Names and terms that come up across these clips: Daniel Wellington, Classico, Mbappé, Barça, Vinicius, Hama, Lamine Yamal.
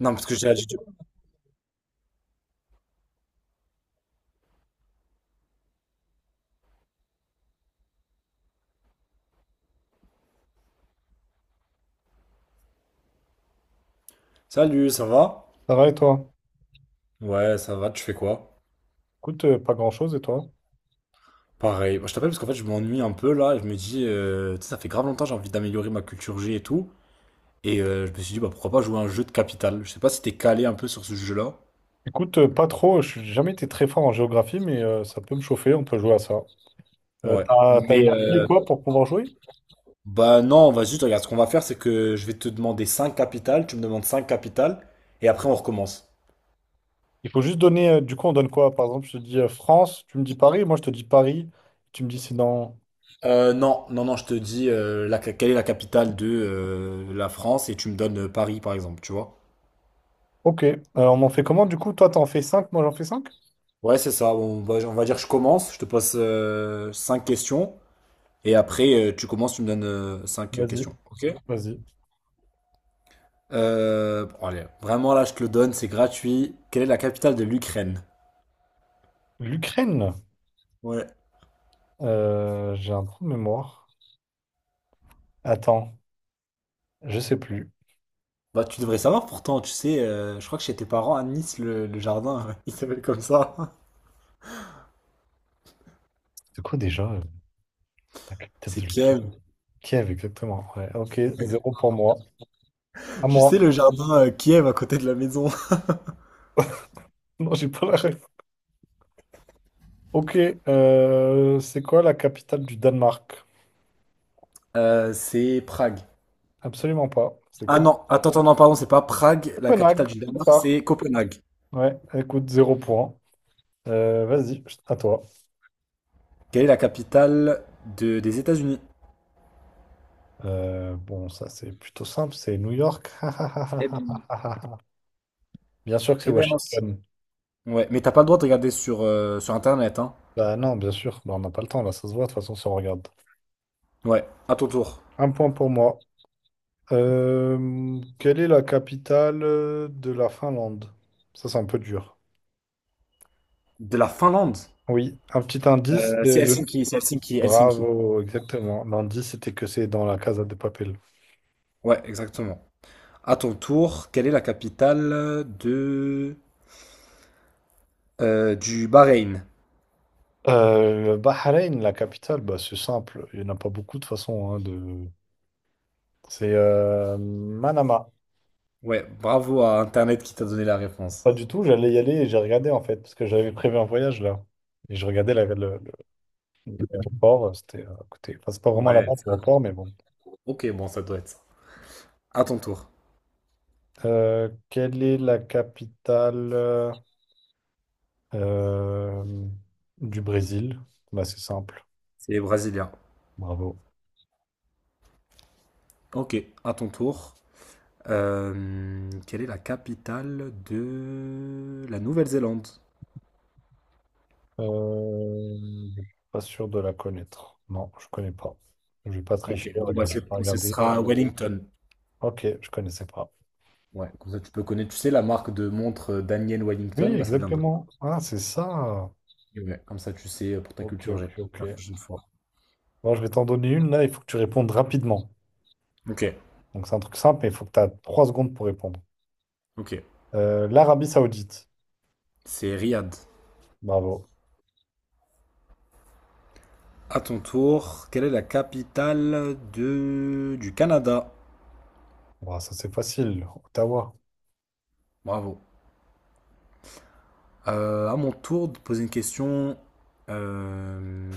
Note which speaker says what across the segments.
Speaker 1: Non, parce que j'ai dit Salut, ça va?
Speaker 2: Ça va et toi?
Speaker 1: Ouais, ça va, tu fais quoi?
Speaker 2: Écoute, pas grand-chose et toi?
Speaker 1: Pareil. Moi, je t'appelle parce qu'en fait, je m'ennuie un peu là, et je me dis, tu sais, ça fait grave longtemps, j'ai envie d'améliorer ma culture G et tout. Et je me suis dit, bah pourquoi pas jouer à un jeu de capital? Je sais pas si t'es calé un peu sur ce jeu-là.
Speaker 2: Écoute, pas trop, je n'ai jamais été très fort en géographie, mais ça peut me chauffer, on peut jouer à ça.
Speaker 1: Ouais.
Speaker 2: T'as
Speaker 1: Mais,
Speaker 2: une appli ou quoi pour pouvoir jouer?
Speaker 1: bah non, vas-y, tu regardes, ce qu'on va faire, c'est que je vais te demander 5 capitales, tu me demandes 5 capitales, et après on recommence.
Speaker 2: Il faut juste donner, du coup on donne quoi? Par exemple, je te dis France, tu me dis Paris, moi je te dis Paris, tu me dis c'est dans...
Speaker 1: Non, non, non, je te dis quelle est la capitale de la France et tu me donnes Paris par exemple, tu vois.
Speaker 2: Ok, on en fait comment du coup? Toi t'en fais cinq, moi j'en fais cinq.
Speaker 1: Ouais, c'est ça. Bon, on va dire je commence. Je te pose 5 questions. Et après, tu commences, tu me donnes 5
Speaker 2: Vas-y,
Speaker 1: questions. Ok?
Speaker 2: vas-y.
Speaker 1: Bon, allez, vraiment là, je te le donne, c'est gratuit. Quelle est la capitale de l'Ukraine?
Speaker 2: L'Ukraine,
Speaker 1: Ouais.
Speaker 2: J'ai un trou de mémoire. Attends, je sais plus.
Speaker 1: Bah, tu devrais savoir pourtant, tu sais, je crois que chez tes parents à Nice, le jardin, il s'appelle comme ça.
Speaker 2: C'est quoi déjà la capitale de
Speaker 1: C'est
Speaker 2: l'Ukraine?
Speaker 1: Kiev.
Speaker 2: Kiev, exactement. Ouais, ok, zéro pour moi. À
Speaker 1: Tu sais, le
Speaker 2: moi.
Speaker 1: jardin Kiev à côté de la maison.
Speaker 2: Non, j'ai pas la ref. Ok, c'est quoi la capitale du Danemark?
Speaker 1: C'est Prague.
Speaker 2: Absolument pas.
Speaker 1: Ah non, attends, attends, non, pardon, c'est pas Prague, la
Speaker 2: Copenhague.
Speaker 1: capitale du Danemark,
Speaker 2: Par.
Speaker 1: c'est Copenhague.
Speaker 2: Ouais, écoute, zéro point. Vas-y, à toi.
Speaker 1: Quelle est la capitale des États-Unis?
Speaker 2: Bon, ça c'est plutôt simple, c'est New York.
Speaker 1: Eh bien.
Speaker 2: Bien sûr que c'est
Speaker 1: Eh ben mince.
Speaker 2: Washington.
Speaker 1: Ouais, mais t'as pas le droit de regarder sur, sur Internet, hein.
Speaker 2: Bah non, bien sûr. Bah, on n'a pas le temps, là, ça se voit, de toute façon, si on regarde.
Speaker 1: Ouais, à ton tour.
Speaker 2: Un point pour moi. Quelle est la capitale de la Finlande? Ça, c'est un peu dur.
Speaker 1: De la Finlande.
Speaker 2: Oui, un petit indice,
Speaker 1: C'est
Speaker 2: c'est le
Speaker 1: Helsinki, c'est Helsinki, Helsinki.
Speaker 2: Bravo, exactement. L'indice, c'était que c'est dans la Casa de Papel.
Speaker 1: Ouais, exactement. À ton tour, quelle est la capitale de du Bahreïn?
Speaker 2: Bahreïn, la capitale, bah, c'est simple. Il n'y en a pas beaucoup de façon, hein, de... C'est Manama.
Speaker 1: Ouais, bravo à Internet qui t'a donné la réponse.
Speaker 2: Pas du tout, j'allais y aller et j'ai regardé en fait, parce que j'avais prévu un voyage là. Et je regardais l'aéroport, c'était à côté. Enfin, c'est pas vraiment
Speaker 1: Ouais,
Speaker 2: là-bas,
Speaker 1: c'est pas
Speaker 2: l'aéroport, mais bon.
Speaker 1: trop. Ok, bon, ça doit être ça. À ton tour.
Speaker 2: Quelle est la capitale euh, du Brésil? Bah, c'est simple.
Speaker 1: C'est brésilien.
Speaker 2: Bravo.
Speaker 1: Ok, à ton tour. Quelle est la capitale de la Nouvelle-Zélande?
Speaker 2: Euh, je suis pas sûr de la connaître. Non, je connais pas. Je vais pas tricher.
Speaker 1: Ok, bon, bah,
Speaker 2: Regarde, je vais pas
Speaker 1: ce
Speaker 2: regarder.
Speaker 1: sera Wellington.
Speaker 2: Ok, je connaissais pas.
Speaker 1: Ouais, comme ça tu peux connaître. Tu sais, la marque de montre Daniel Wellington,
Speaker 2: Oui,
Speaker 1: bah ça vient de.
Speaker 2: exactement. Ah, c'est ça.
Speaker 1: Ouais, comme ça tu sais pour ta
Speaker 2: Ok,
Speaker 1: culture G.
Speaker 2: ok, ok.
Speaker 1: La prochaine fois.
Speaker 2: Bon, je vais t'en donner une là. Il faut que tu répondes rapidement.
Speaker 1: Ok,
Speaker 2: Donc c'est un truc simple, mais il faut que tu as trois secondes pour répondre.
Speaker 1: ok.
Speaker 2: l'Arabie Saoudite.
Speaker 1: C'est Riyad.
Speaker 2: Bravo.
Speaker 1: À ton tour, quelle est la capitale de… du Canada?
Speaker 2: Bah, ça c'est facile. Ottawa.
Speaker 1: Bravo. À mon tour de poser une question. euh,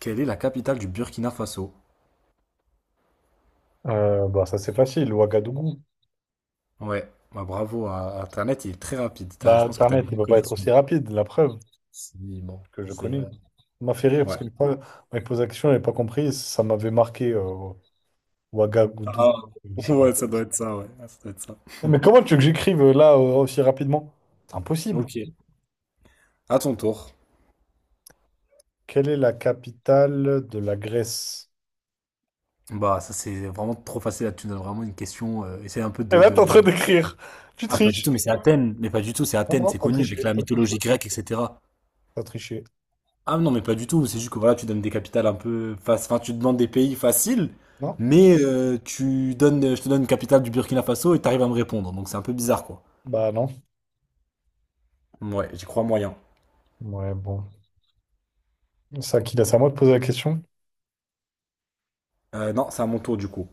Speaker 1: Quelle est la capitale du Burkina Faso?
Speaker 2: Bah, ça c'est facile. Ouagadougou.
Speaker 1: Ouais, bah, bravo à Internet, il est très rapide.
Speaker 2: Bah,
Speaker 1: Je pense que tu as
Speaker 2: Internet,
Speaker 1: une
Speaker 2: il
Speaker 1: bonne
Speaker 2: peut pas être
Speaker 1: connexion.
Speaker 2: aussi rapide. La preuve.
Speaker 1: Si, bon.
Speaker 2: Que je
Speaker 1: C'est
Speaker 2: connais. Ça m'a fait rire parce
Speaker 1: ouais.
Speaker 2: qu'une fois, on m'a posé la question, je n'avais pas compris, ça m'avait marqué Ouagadougou.
Speaker 1: Ah,
Speaker 2: C'est marrant.
Speaker 1: ouais, ça doit être ça, ouais. Ah, ça doit être ça.
Speaker 2: Non, mais comment tu veux que j'écrive là aussi rapidement? C'est impossible.
Speaker 1: Ok. À ton tour.
Speaker 2: Quelle est la capitale de la Grèce?
Speaker 1: Bah, ça c'est vraiment trop facile là, tu me donnes vraiment une question. Essaye un peu
Speaker 2: Et là, t'es en train
Speaker 1: de-
Speaker 2: d'écrire. Tu
Speaker 1: Ah, pas du
Speaker 2: triches.
Speaker 1: tout, mais c'est Athènes. Mais pas du tout, c'est
Speaker 2: Non,
Speaker 1: Athènes,
Speaker 2: non,
Speaker 1: c'est
Speaker 2: t'as
Speaker 1: connu avec
Speaker 2: triché,
Speaker 1: la
Speaker 2: t'as triché,
Speaker 1: mythologie grecque, etc.
Speaker 2: t'as triché.
Speaker 1: Ah non, mais pas du tout, c'est juste que voilà, tu donnes des capitales un peu. Enfin, tu demandes des pays faciles,
Speaker 2: Non?
Speaker 1: mais tu donnes, je te donne une capitale du Burkina Faso et t'arrives à me répondre. Donc c'est un peu bizarre, quoi.
Speaker 2: Bah non.
Speaker 1: Ouais, j'y crois moyen.
Speaker 2: Ouais, bon. C'est à qui là? C'est à moi de poser la question?
Speaker 1: Non, c'est à mon tour du coup.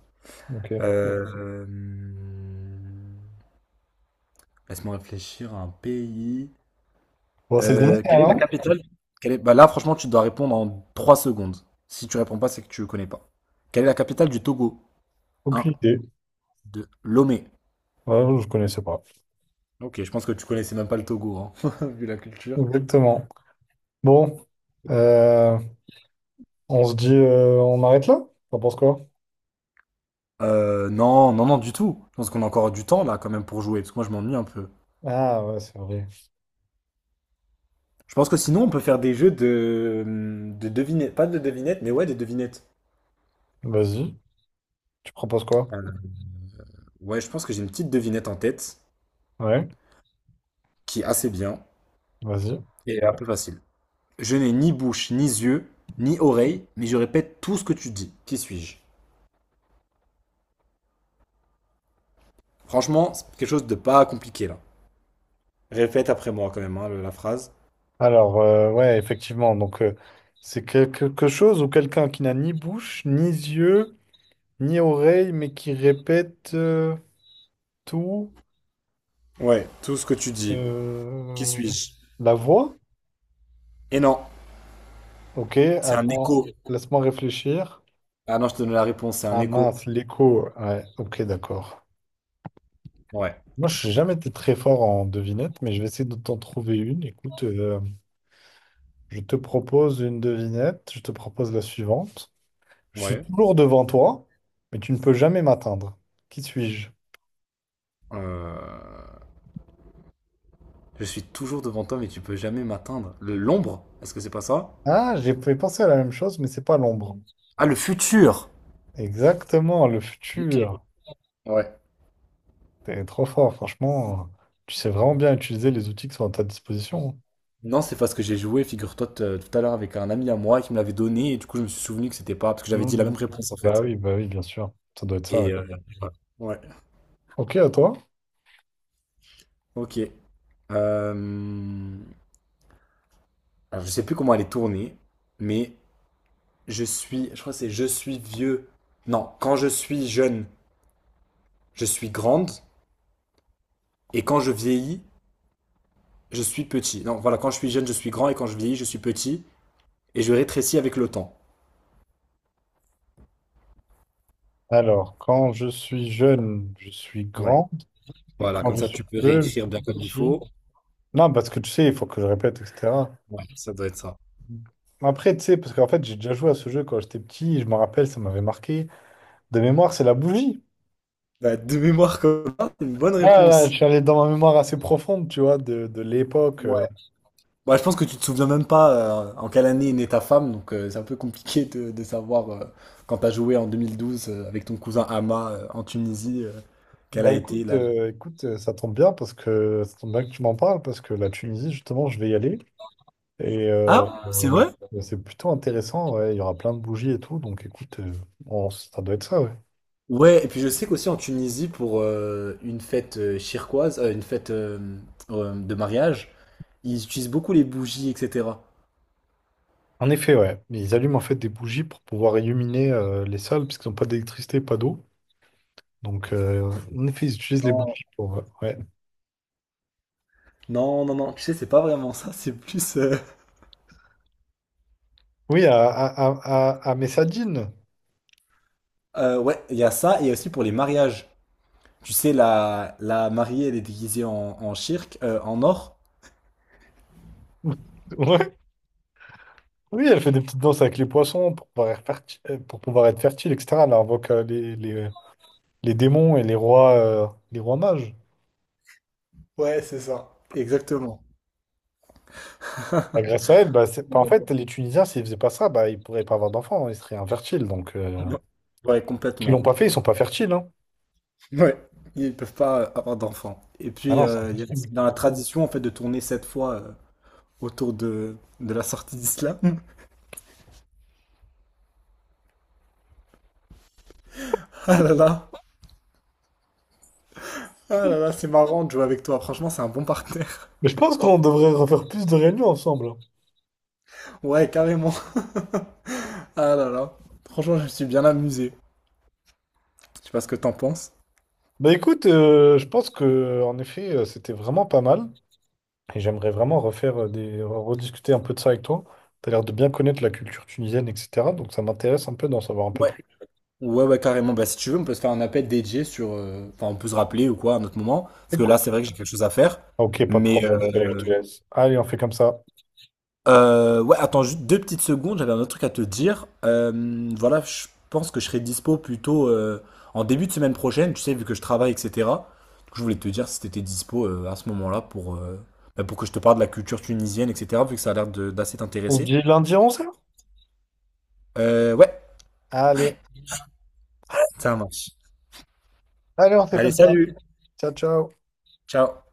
Speaker 2: Ok.
Speaker 1: Euh, euh, Laisse-moi réfléchir à un pays.
Speaker 2: Bon, c'est le dernier, hein,
Speaker 1: Quelle est la
Speaker 2: non?
Speaker 1: capitale? Bah là, franchement, tu dois répondre en 3 secondes. Si tu réponds pas, c'est que tu connais pas. Quelle est la capitale du Togo? Un,
Speaker 2: Aucune idée.
Speaker 1: 2, Lomé.
Speaker 2: Ouais, je connaissais pas.
Speaker 1: Ok, je pense que tu connaissais même pas le Togo, hein, vu la culture.
Speaker 2: Exactement. Bon. Euh, On se dit, on arrête là? T'en penses quoi?
Speaker 1: Non, non, non, du tout. Je pense qu'on a encore du temps là quand même pour jouer, parce que moi je m'ennuie un peu.
Speaker 2: Ah ouais, c'est vrai.
Speaker 1: Je pense que sinon on peut faire des jeux de devinettes, pas de devinettes, mais ouais, des devinettes.
Speaker 2: Vas-y. Tu proposes quoi?
Speaker 1: Euh, ouais, je pense que j'ai une petite devinette en tête
Speaker 2: Ouais,
Speaker 1: qui est assez bien
Speaker 2: vas-y.
Speaker 1: et un peu facile. Je n'ai ni bouche, ni yeux, ni oreille, mais je répète tout ce que tu dis. Qui suis-je? Franchement, c'est quelque chose de pas compliqué là. Répète après moi quand même hein, la phrase.
Speaker 2: Alors, ouais, effectivement. Donc, c'est quelque chose ou quelqu'un qui n'a ni bouche, ni yeux, ni oreille, mais qui répète tout.
Speaker 1: Ouais, tout ce que tu dis. Qui
Speaker 2: euh,
Speaker 1: suis-je?
Speaker 2: La voix?
Speaker 1: Et non,
Speaker 2: Ok,
Speaker 1: c'est un
Speaker 2: attends.
Speaker 1: écho.
Speaker 2: Laisse-moi réfléchir.
Speaker 1: Ah non, je te donne la réponse, c'est un
Speaker 2: Ah
Speaker 1: écho.
Speaker 2: mince, l'écho. Ouais, ok, d'accord.
Speaker 1: Ouais,
Speaker 2: Moi, je n'ai jamais été très fort en devinette, mais je vais essayer de t'en trouver une. Écoute. Je te propose une devinette, je te propose la suivante. Je suis
Speaker 1: ouais.
Speaker 2: toujours devant toi, mais tu ne peux jamais m'atteindre. Qui suis-je?
Speaker 1: Euh, Je suis toujours devant toi, mais tu peux jamais m'atteindre. Le L'ombre? Est-ce que c'est pas ça?
Speaker 2: Ah, j'ai pensé à la même chose, mais c'est pas l'ombre.
Speaker 1: Ah, le futur?
Speaker 2: Exactement, le
Speaker 1: Ok.
Speaker 2: futur.
Speaker 1: Ouais.
Speaker 2: T'es trop fort, franchement. Tu sais vraiment bien utiliser les outils qui sont à ta disposition.
Speaker 1: Non, c'est parce que j'ai joué, figure-toi, tout à l'heure avec un ami à moi qui me l'avait donné, et du coup, je me suis souvenu que c'était pas, parce que j'avais dit la
Speaker 2: Mhm.
Speaker 1: même réponse en fait.
Speaker 2: Bah oui, bien sûr. Ça doit être ça, ouais.
Speaker 1: Et voilà. Ouais,
Speaker 2: Ok, à toi.
Speaker 1: ok. Euh, alors, je sais plus comment elle est tournée, mais je crois que c'est je suis vieux. Non, quand je suis jeune, je suis grande, et quand je vieillis, je suis petit. Non, voilà, quand je suis jeune, je suis grand, et quand je vieillis, je suis petit, et je rétrécis avec le temps.
Speaker 2: Alors, quand je suis jeune, je suis
Speaker 1: Ouais.
Speaker 2: grand. Et
Speaker 1: Voilà,
Speaker 2: quand
Speaker 1: comme
Speaker 2: je
Speaker 1: ça
Speaker 2: suis
Speaker 1: tu peux
Speaker 2: peu, je
Speaker 1: réécrire
Speaker 2: suis
Speaker 1: il
Speaker 2: petit.
Speaker 1: faut.
Speaker 2: Non, parce que tu sais, il faut que je répète, etc.
Speaker 1: Ouais, ça doit être ça.
Speaker 2: Après, tu sais, parce qu'en fait, j'ai déjà joué à ce jeu quand j'étais petit, et je me rappelle, ça m'avait marqué. De mémoire, c'est la bougie.
Speaker 1: Bah, de mémoire comme ça, c'est une bonne
Speaker 2: Là, là,
Speaker 1: réponse.
Speaker 2: je suis allé dans ma mémoire assez profonde, tu vois, de l'époque.
Speaker 1: Ouais. Bah, je pense que tu te souviens même pas en quelle année est née ta femme, donc c'est un peu compliqué de savoir quand t'as joué en 2012 avec ton cousin Hama en Tunisie, quelle
Speaker 2: Bah
Speaker 1: a été
Speaker 2: écoute,
Speaker 1: la…
Speaker 2: écoute, ça tombe bien parce que ça tombe bien que tu m'en parles, parce que la Tunisie, justement, je vais y aller. Et
Speaker 1: Ah, c'est vrai?
Speaker 2: c'est plutôt intéressant, ouais. Il y aura plein de bougies et tout, donc écoute, ça doit être ça, ouais.
Speaker 1: Ouais, et puis je sais qu'aussi en Tunisie, pour une fête chirquoise, une fête de mariage, ils utilisent beaucoup les bougies, etc.
Speaker 2: En effet, ouais. Ils allument en fait des bougies pour pouvoir illuminer les salles, puisqu'ils n'ont pas d'électricité, pas d'eau. Donc, en effet, ils utilisent les
Speaker 1: Non,
Speaker 2: boucliers pour. Ouais.
Speaker 1: non, non, non, tu sais, c'est pas vraiment ça, c'est plus…
Speaker 2: Oui, à Messadine.
Speaker 1: ouais, il y a ça, et aussi pour les mariages. Tu sais, la mariée, elle est déguisée en, en shirk, en or.
Speaker 2: Ouais. Oui, elle fait des petites danses avec les poissons pour pouvoir être fertile, etc. Elle invoque les démons et les rois mages.
Speaker 1: Ouais, c'est ça. Exactement.
Speaker 2: Bah, grâce à elle, bah, en fait, les Tunisiens, s'ils faisaient pas ça, bah, ils pourraient pas avoir d'enfants, hein, ils seraient infertiles. Donc,
Speaker 1: Ouais,
Speaker 2: ils l'ont
Speaker 1: complètement.
Speaker 2: pas fait, ils sont pas fertiles, hein.
Speaker 1: Ouais. Ils peuvent pas avoir d'enfants. Et
Speaker 2: Ah
Speaker 1: puis,
Speaker 2: non, c'est impossible.
Speaker 1: dans la tradition, en fait, de tourner cette fois autour de la sortie d'Islam. Ah là là. Ah là là, c'est marrant de jouer avec toi. Franchement, c'est un bon partenaire.
Speaker 2: Mais je pense qu'on devrait refaire plus de réunions ensemble, hein.
Speaker 1: Ouais, carrément. Ah là là. Franchement, je me suis bien amusé. Je sais pas ce que t'en penses.
Speaker 2: Bah écoute, je pense que en effet, c'était vraiment pas mal. Et j'aimerais vraiment refaire rediscuter un peu de ça avec toi. Tu as l'air de bien connaître la culture tunisienne, etc. Donc ça m'intéresse un peu d'en savoir un peu plus.
Speaker 1: Ouais, ouais, carrément. Bah, si tu veux, on peut se faire un appel dédié sur. Enfin, on peut se rappeler ou quoi à un autre moment. Parce que là,
Speaker 2: Écoute.
Speaker 1: c'est vrai que j'ai quelque chose à faire.
Speaker 2: Ok, pas de
Speaker 1: Mais
Speaker 2: problème, je te laisse. je
Speaker 1: euh,
Speaker 2: te laisse. Allez, on fait comme ça.
Speaker 1: ouais, attends juste 2 petites secondes. J'avais un autre truc à te dire. Voilà, je pense que je serai dispo plutôt en début de semaine prochaine. Tu sais, vu que je travaille, etc. Donc, je voulais te dire si t'étais dispo à ce moment-là pour bah, pour que je te parle de la culture tunisienne, etc. Vu que ça a d'assez
Speaker 2: On se
Speaker 1: t'intéresser.
Speaker 2: dit lundi 11h?
Speaker 1: Ouais,
Speaker 2: Allez.
Speaker 1: ça marche.
Speaker 2: Allez, on fait
Speaker 1: Allez,
Speaker 2: comme ça.
Speaker 1: salut.
Speaker 2: Ciao, ciao.
Speaker 1: Ciao.